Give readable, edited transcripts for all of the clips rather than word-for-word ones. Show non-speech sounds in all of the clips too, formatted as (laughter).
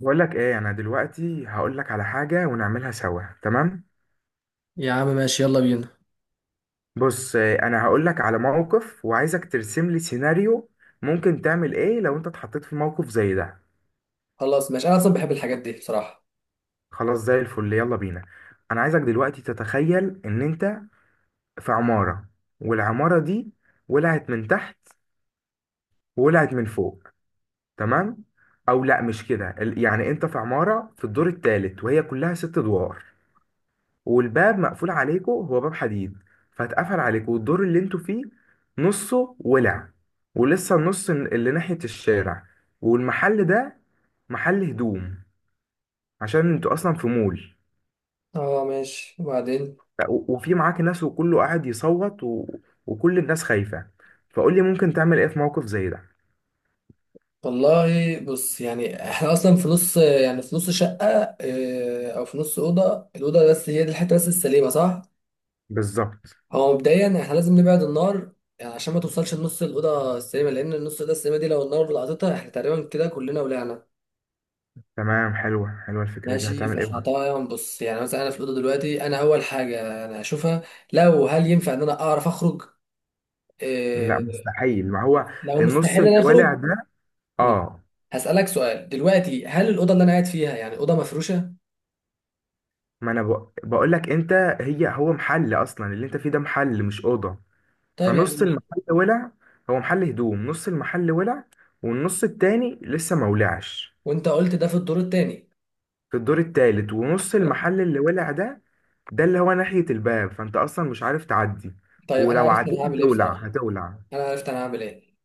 بقول لك ايه انا دلوقتي هقول لك على حاجه ونعملها سوا تمام. يا عم، ماشي، يلا بينا. بص انا هقول لك على موقف وعايزك ترسم لي سيناريو. ممكن تعمل ايه لو انت اتحطيت في موقف زي ده؟ خلاص، ماشي. انا اصلا بحب الحاجات دي بصراحه. خلاص زي الفل يلا بينا. انا عايزك دلوقتي تتخيل ان انت في عماره والعماره دي ولعت من تحت وولعت من فوق تمام. او لا مش كده يعني انت في عماره في الدور الثالث وهي كلها 6 ادوار. والباب مقفول عليكم، هو باب حديد فاتقفل عليكم، والدور اللي انتوا فيه نصه ولع ولسه النص اللي ناحية الشارع والمحل ده محل هدوم عشان انتوا اصلا في مول. اه ماشي، وبعدين؟ وفي معاك ناس وكله قاعد يصوت وكل الناس خايفة، فقول لي ممكن تعمل ايه في موقف زي ده؟ والله بص، يعني احنا اصلا في نص شقه. او في نص الاوضه بس هي دي الحته بس السليمه، صح؟ بالظبط. هو مبدئيا احنا لازم نبعد النار، يعني عشان ما توصلش لنص الاوضه السليمه، لان النص الاوضه السليمه دي لو النار لقطتها احنا تقريبا كده كلنا ولعنا. تمام، حلوة حلوة الفكرة دي، ماشي، هتعمل ايه فاحنا بقى؟ طبعا بص يعني مثلا انا في الاوضه دلوقتي، انا اول حاجه انا هشوفها هل ينفع ان انا اعرف اخرج. لا آه، مستحيل، ما هو لو النص مستحيل انا اللي ولع اخرج، ده. بص، اه. هسألك سؤال دلوقتي: هل الأوضة اللي أنا قاعد فيها يعني أوضة مفروشة؟ ما انا بقول لك انت. هو محل اصلا، اللي انت فيه ده محل مش اوضه. طيب يعني فنص المحل ولع، هو محل هدوم، نص المحل ولع والنص التاني لسه ما ولعش. وأنت قلت ده في الدور التاني. في الدور التالت، ونص خلاص. المحل اللي ولع ده اللي هو ناحية الباب، فانت اصلا مش عارف تعدي، طيب أنا ولو عرفت عديت أنا هعمل إيه هتولع بصراحة. هتولع. أنا عرفت أنا هعمل إيه.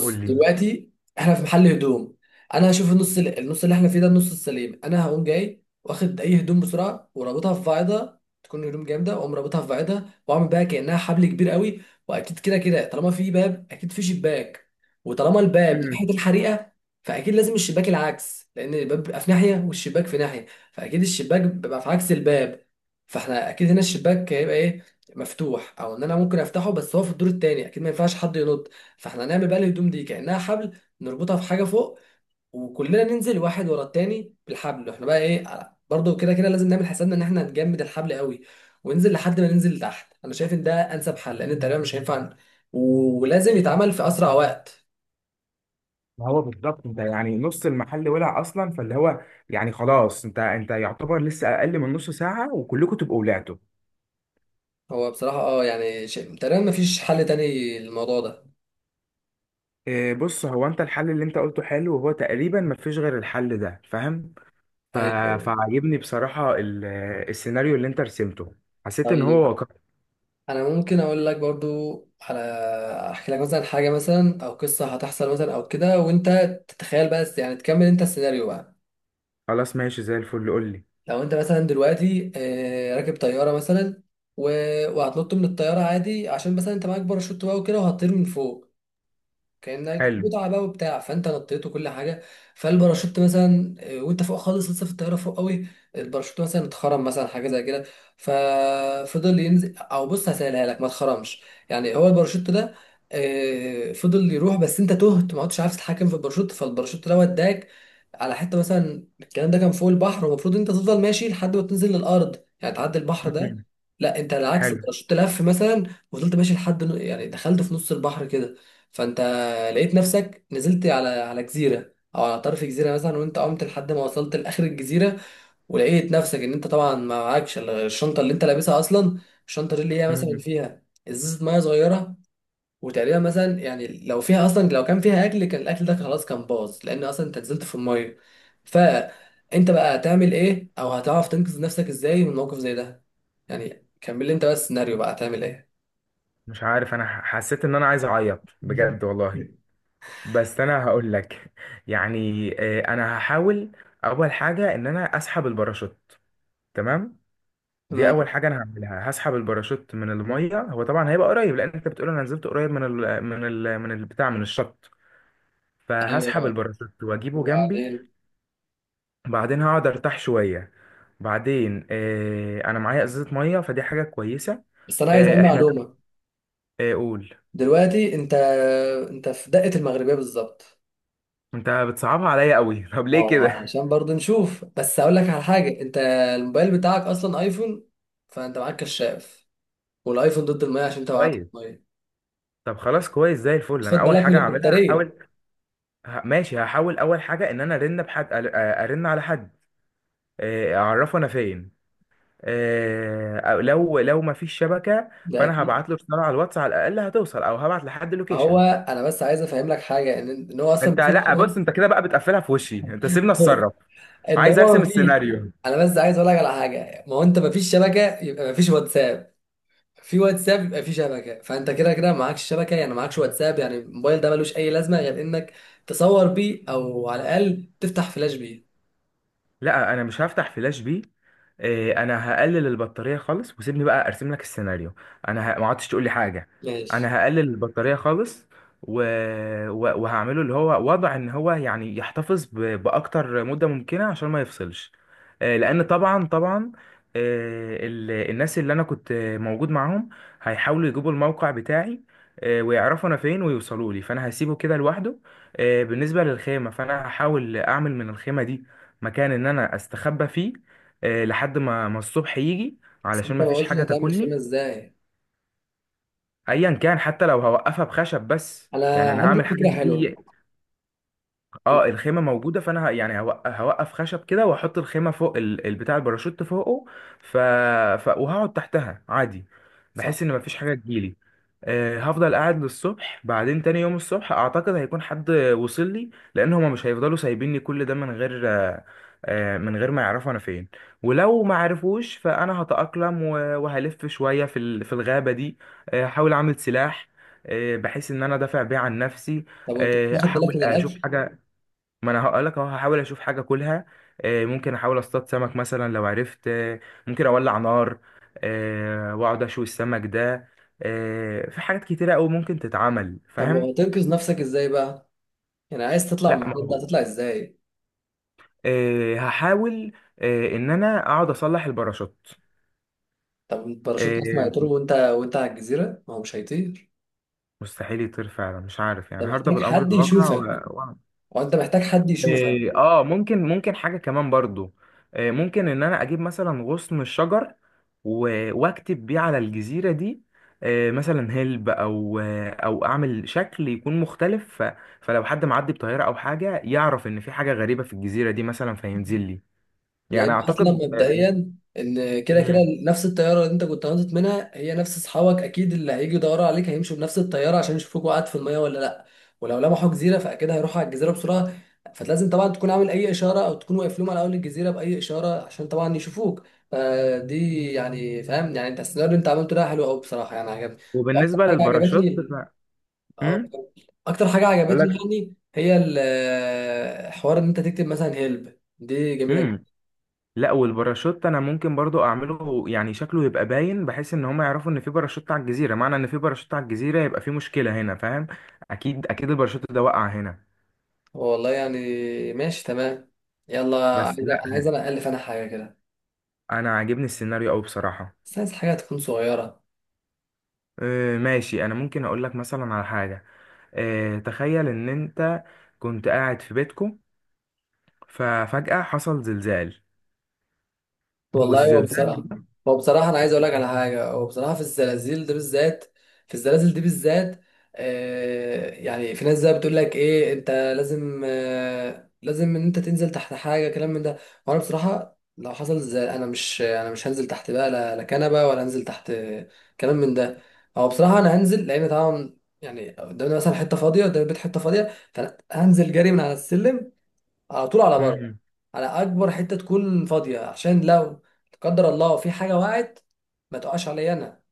قول لي. دلوقتي، احنا في محل هدوم. انا هشوف النص النص اللي احنا فيه ده، النص السليم. انا هقوم جاي واخد اي هدوم بسرعه ورابطها في فايده، تكون هدوم جامده، واقوم رابطها في فايده واعمل بقى كانها حبل كبير قوي. واكيد كده كده طالما في باب اكيد في شباك، وطالما الباب امم. ناحيه الحريقه، فاكيد لازم الشباك العكس، لان الباب بيبقى في ناحيه والشباك في ناحيه، فاكيد الشباك بيبقى في عكس الباب. فاحنا اكيد هنا الشباك هيبقى ايه، مفتوح او ان انا ممكن افتحه، بس هو في الدور التاني اكيد ما ينفعش حد ينط. فاحنا هنعمل بقى الهدوم دي كأنها حبل نربطها في حاجة فوق، وكلنا ننزل واحد ورا التاني بالحبل. احنا بقى ايه، برضه كده كده لازم نعمل حسابنا ان احنا هنجمد الحبل قوي وننزل لحد ما ننزل لتحت. انا شايف ان ده انسب حل، لان تقريبا مش هينفع، ولازم يتعمل في اسرع وقت. هو بالظبط انت يعني نص المحل ولع اصلا فاللي هو يعني خلاص، انت يعتبر لسه اقل من نص ساعه وكلكم تبقوا ولعتوا. هو بصراحة اه يعني شيء تقريبا مفيش حل تاني للموضوع ده. إيه، بص هو انت الحل اللي انت قلته حلو، وهو تقريبا مفيش غير الحل ده، فاهم. ف... ايوه. فعجبني بصراحة السيناريو اللي انت رسمته، حسيت ان هو طيب واقع. انا ممكن اقول لك برضو على احكي لك مثلا حاجة مثلا او قصة هتحصل مثلا او كده، وانت تتخيل، بس يعني تكمل انت السيناريو بقى. خلاص ماشي زي الفل، قول لي. لو انت مثلا دلوقتي راكب طياره مثلا و... وهتنط من الطياره عادي، عشان مثلا انت معاك باراشوت بقى وكده، وهتطير من فوق كانك حلو. متعه بقى وبتاع. فانت نطيت وكل حاجه، فالباراشوت مثلا وانت فوق خالص لسه في الطياره فوق قوي، الباراشوت مثلا اتخرم، مثلا حاجه زي كده، ففضل ينزل. او بص، هسألها لك: ما اتخرمش، يعني هو الباراشوت ده فضل يروح، بس انت تهت ما عدتش عارف تتحكم في الباراشوت، فالباراشوت ده وداك على حته. مثلا الكلام ده كان فوق البحر، والمفروض انت تفضل ماشي لحد ما تنزل للارض، يعني تعدي البحر ده. مهم. لا، انت العكس، حلو. الباراشوت لف مثلا وفضلت ماشي لحد يعني دخلت في نص البحر كده. فانت لقيت نفسك نزلت على جزيره او على طرف جزيره مثلا، وانت عمت لحد ما وصلت لاخر الجزيره، ولقيت نفسك ان انت طبعا ما معكش الا الشنطه اللي انت لابسها اصلا. الشنطه دي اللي هي مثلا مهم. فيها ازازه ميه صغيره. وتقريبا مثلا، يعني لو فيها اصلا، لو كان فيها اكل كان الاكل ده خلاص كان باظ، لان اصلا انت نزلت في الميه. فانت بقى هتعمل ايه؟ او هتعرف تنقذ نفسك ازاي من موقف زي ده؟ يعني كمل لي انت بس السيناريو بقى، هتعمل ايه. مش عارف، انا حسيت ان انا عايز اعيط بجد والله. (laughs) بس انا هقول لك (laughs) يعني، إيه، انا هحاول. اول حاجة ان انا اسحب الباراشوت. تمام. دي تمام. اول حاجه انا هعملها، هسحب الباراشوت من الميه، هو طبعا هيبقى قريب لان انت بتقول انا نزلت قريب من البتاع من الشط. فهسحب ايوه، الباراشوت واجيبه جنبي وبعدين. وبعدين هقعد ارتاح شويه. بعدين انا معايا ازازه ميه، فدي حاجه كويسه. بس انا عايز آه، اقول احنا. معلومه. آه، قول. دلوقتي انت في دقة المغربية بالظبط. انت بتصعبها عليا قوي (laughs) طب ليه اه، كده؟ عشان برضه نشوف، بس هقول لك على حاجة: انت الموبايل بتاعك اصلا ايفون، فانت معاك كشاف، والايفون ضد المية، عشان انت وقعت في كويس. المية. طب خلاص كويس زي الفل، خد انا اول بالك من حاجه هعملها البطارية. هحاول. ماشي، هحاول اول حاجه ان انا ارن بحد، ارن على حد. اعرفه انا فين. أو لو ما فيش شبكه ده فانا اكيد. هبعت له رساله على الواتس على الاقل هتوصل، او هبعت لحد هو لوكيشن. انا بس عايز افهم لك حاجة، ان هو اصلا انت مفيش. لا بص، انت كده بقى بتقفلها في وشي، انت سيبنا (laughs) اتصرف. ان عايز هو ارسم مفيش. السيناريو. انا بس عايز اقول لك على حاجة: ما هو انت مفيش شبكة، يبقى مفيش واتساب. في واتساب يبقى في شبكه، فانت كده كده معكش شبكه، يعني معكش واتساب. يعني الموبايل ده ملوش اي لازمه غير انك تصور بيه او على الاقل تفتح فلاش بيه. لا انا مش هفتح فلاش بي. إيه، انا هقلل البطاريه خالص وسيبني بقى ارسم لك السيناريو. انا ما عدتش تقول لي حاجه. ماشي. انا هقلل البطاريه خالص و... وهعمله اللي هو وضع ان هو يعني يحتفظ باكتر مده ممكنه عشان ما يفصلش. إيه، لان طبعا طبعا. إيه، الناس اللي انا كنت موجود معاهم هيحاولوا يجيبوا الموقع بتاعي. إيه، ويعرفوا انا فين ويوصلوا لي، فانا هسيبه كده لوحده. إيه، بالنسبه للخيمه، فانا هحاول اعمل من الخيمه دي مكان ان انا استخبى فيه. لحد ما الصبح يجي، بس علشان انت ما ما فيش قلتش حاجه هتعمل خيمه تاكلني. ازاي. ايا كان، حتى لو هوقفها بخشب، بس انا يعني انا عندي هعمل حاجه فكره حلوه. زي. اه، الخيمه موجوده فانا يعني هوقف خشب كده، واحط الخيمه فوق البتاع، الباراشوت فوقه. ف... وهقعد تحتها عادي صح. بحيث ان مفيش حاجه تجيلي. هفضل قاعد للصبح، بعدين تاني يوم الصبح اعتقد هيكون حد وصل لي، لان هما مش هيفضلوا سايبيني كل ده من غير من غير ما يعرفوا انا فين. ولو ما عرفوش فانا هتأقلم وهلف شويه في في الغابه دي. احاول اعمل سلاح، بحيث ان انا دافع بيه عن نفسي. طب وانت مش واخد بالك احاول من الاكل؟ اشوف حاجه. ما انا هقول لك اهو، هحاول اشوف حاجه اكلها. ممكن احاول اصطاد سمك مثلا لو عرفت. ممكن اولع نار. واقعد اشوي السمك ده. في حاجات كتيره قوي ممكن تتعمل، طب فاهم. وهتنقذ نفسك ازاي بقى؟ يعني عايز تطلع من لا، ما المكان ده، هو هتطلع ازاي؟ هحاول ان انا اقعد اصلح الباراشوت. طب الباراشوت اصلا آه، هيطير، وانت على الجزيره ما هو مش هيطير. مستحيل يطير فعلا، مش عارف يعني انت هرضى محتاج بالامر حد الواقع. يشوفك، وانت محتاج حد يشوفك، إيه، اه ممكن حاجة كمان برضو. إيه، ممكن ان انا اجيب مثلا غصن الشجر واكتب بيه على الجزيرة دي. إيه، مثلا هلب، او او اعمل شكل يكون مختلف فلو حد معدي بطيارة او حاجة يعرف ان في حاجة غريبة في الجزيرة دي مثلا فينزل لي. يعني لان اصلا اعتقد. مبدئيا ان كده كده مم. نفس الطياره اللي انت كنت هنطت منها هي نفس اصحابك اكيد، اللي هيجي يدوروا عليك هيمشوا بنفس الطياره عشان يشوفوك وقعت في الميه ولا لا. ولو لمحوا جزيره فاكيد هيروحوا على الجزيره بسرعه. فلازم طبعا تكون عامل اي اشاره، او تكون واقف لهم على اول الجزيره باي اشاره عشان طبعا يشوفوك. فدي يعني، فاهم، يعني انت السيناريو اللي انت عملته ده حلو قوي بصراحه، يعني عجبني. واكتر وبالنسبة حاجه للباراشوت عجبتني، اه، اكتر حاجه عجبتني يعني هي حوار ان انت تكتب مثلا هيلب، دي جميله. امم. لا، والباراشوت انا ممكن برضو اعمله يعني شكله يبقى باين، بحيث ان هم يعرفوا ان في باراشوت على الجزيره، معنى ان في باراشوت على الجزيره يبقى في مشكله هنا، فاهم. اكيد اكيد الباراشوت ده وقع هنا. والله يعني ماشي، تمام. يلا. بس عايز، لا، انا الف انا حاجه كده. انا عاجبني السيناريو قوي بصراحه. بس عايز حاجه تكون صغيره. ماشي، انا ممكن اقول لك مثلا على حاجه. تخيل ان انت كنت قاعد في بيتكم، ففجاه حصل زلزال والله هو والزلزال. بصراحة، هو بصراحة أنا عايز أقول لك على حاجة. هو بصراحة في الزلازل ده بالذات، في الزلازل دي بالذات، يعني في ناس زي بتقول لك إيه، أنت لازم لازم إن أنت تنزل تحت حاجة، كلام من ده. وأنا بصراحة لو حصل زي، أنا مش هنزل تحت بقى، لا لا كنبة ولا هنزل تحت كلام من ده. هو بصراحة أنا هنزل، لأن طبعا يعني قدامنا مثلا حتة فاضية، قدام البيت حتة فاضية، فأنا هنزل جري من على السلم على طول على بره، مم. على اكبر حته تكون فاضيه، عشان لو لا قدر الله في حاجه وقعت ما تقعش عليا انا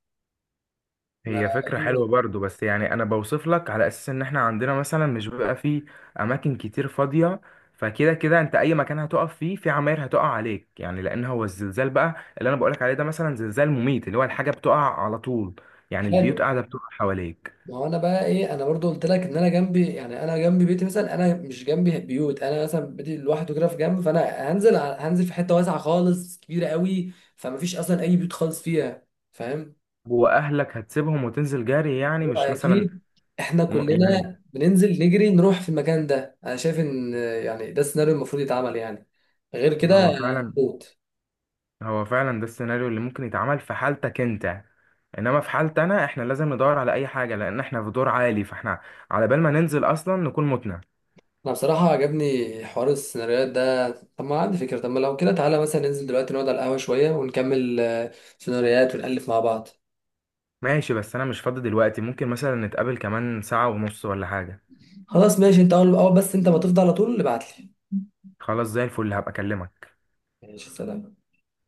ما هي فكرة حلوة (laughs) برضو، بس يعني أنا بوصف لك على أساس إن إحنا عندنا مثلا مش بيبقى فيه أماكن كتير فاضية. فكده كده أنت أي مكان هتقف فيه في عماير هتقع عليك، يعني لأن هو الزلزال بقى اللي أنا بقولك عليه ده مثلا زلزال مميت، اللي هو الحاجة بتقع على طول. يعني حلو. البيوت قاعدة بتقع حواليك. ما هو انا بقى ايه، انا برضو قلت لك ان انا جنبي، يعني انا جنبي بيتي مثلا، انا مش جنبي بيوت، انا مثلا بيتي لوحده كده في جنب، فانا هنزل هنزل في حته واسعه خالص، كبيره قوي، فما فيش اصلا اي بيوت خالص فيها، فاهم. وأهلك هتسيبهم وتنزل جري يعني، هو مش مثلا اكيد احنا يعني. كلنا بننزل نجري نروح في المكان ده، انا شايف ان يعني ده السيناريو المفروض يتعمل، يعني غير كده هو فعلا هتموت. هو فعلا ده السيناريو اللي ممكن يتعمل في حالتك انت. انما في حالتي انا احنا لازم ندور على اي حاجه، لان احنا في دور عالي فاحنا على بال ما ننزل اصلا نكون متنا. انا بصراحة عجبني حوار السيناريوهات ده. طب ما عندي فكرة، طب ما لو كده تعالى مثلا ننزل دلوقتي نقعد على القهوة شوية ونكمل سيناريوهات ونألف مع بعض. ماشي، بس انا مش فاضي دلوقتي، ممكن مثلا نتقابل كمان ساعه ونص ولا حاجه. خلاص ماشي، انت اول اول، بس انت ما تفضى على طول ابعتلي. خلاص زي الفل، هبقى اكلمك. ماشي، سلام.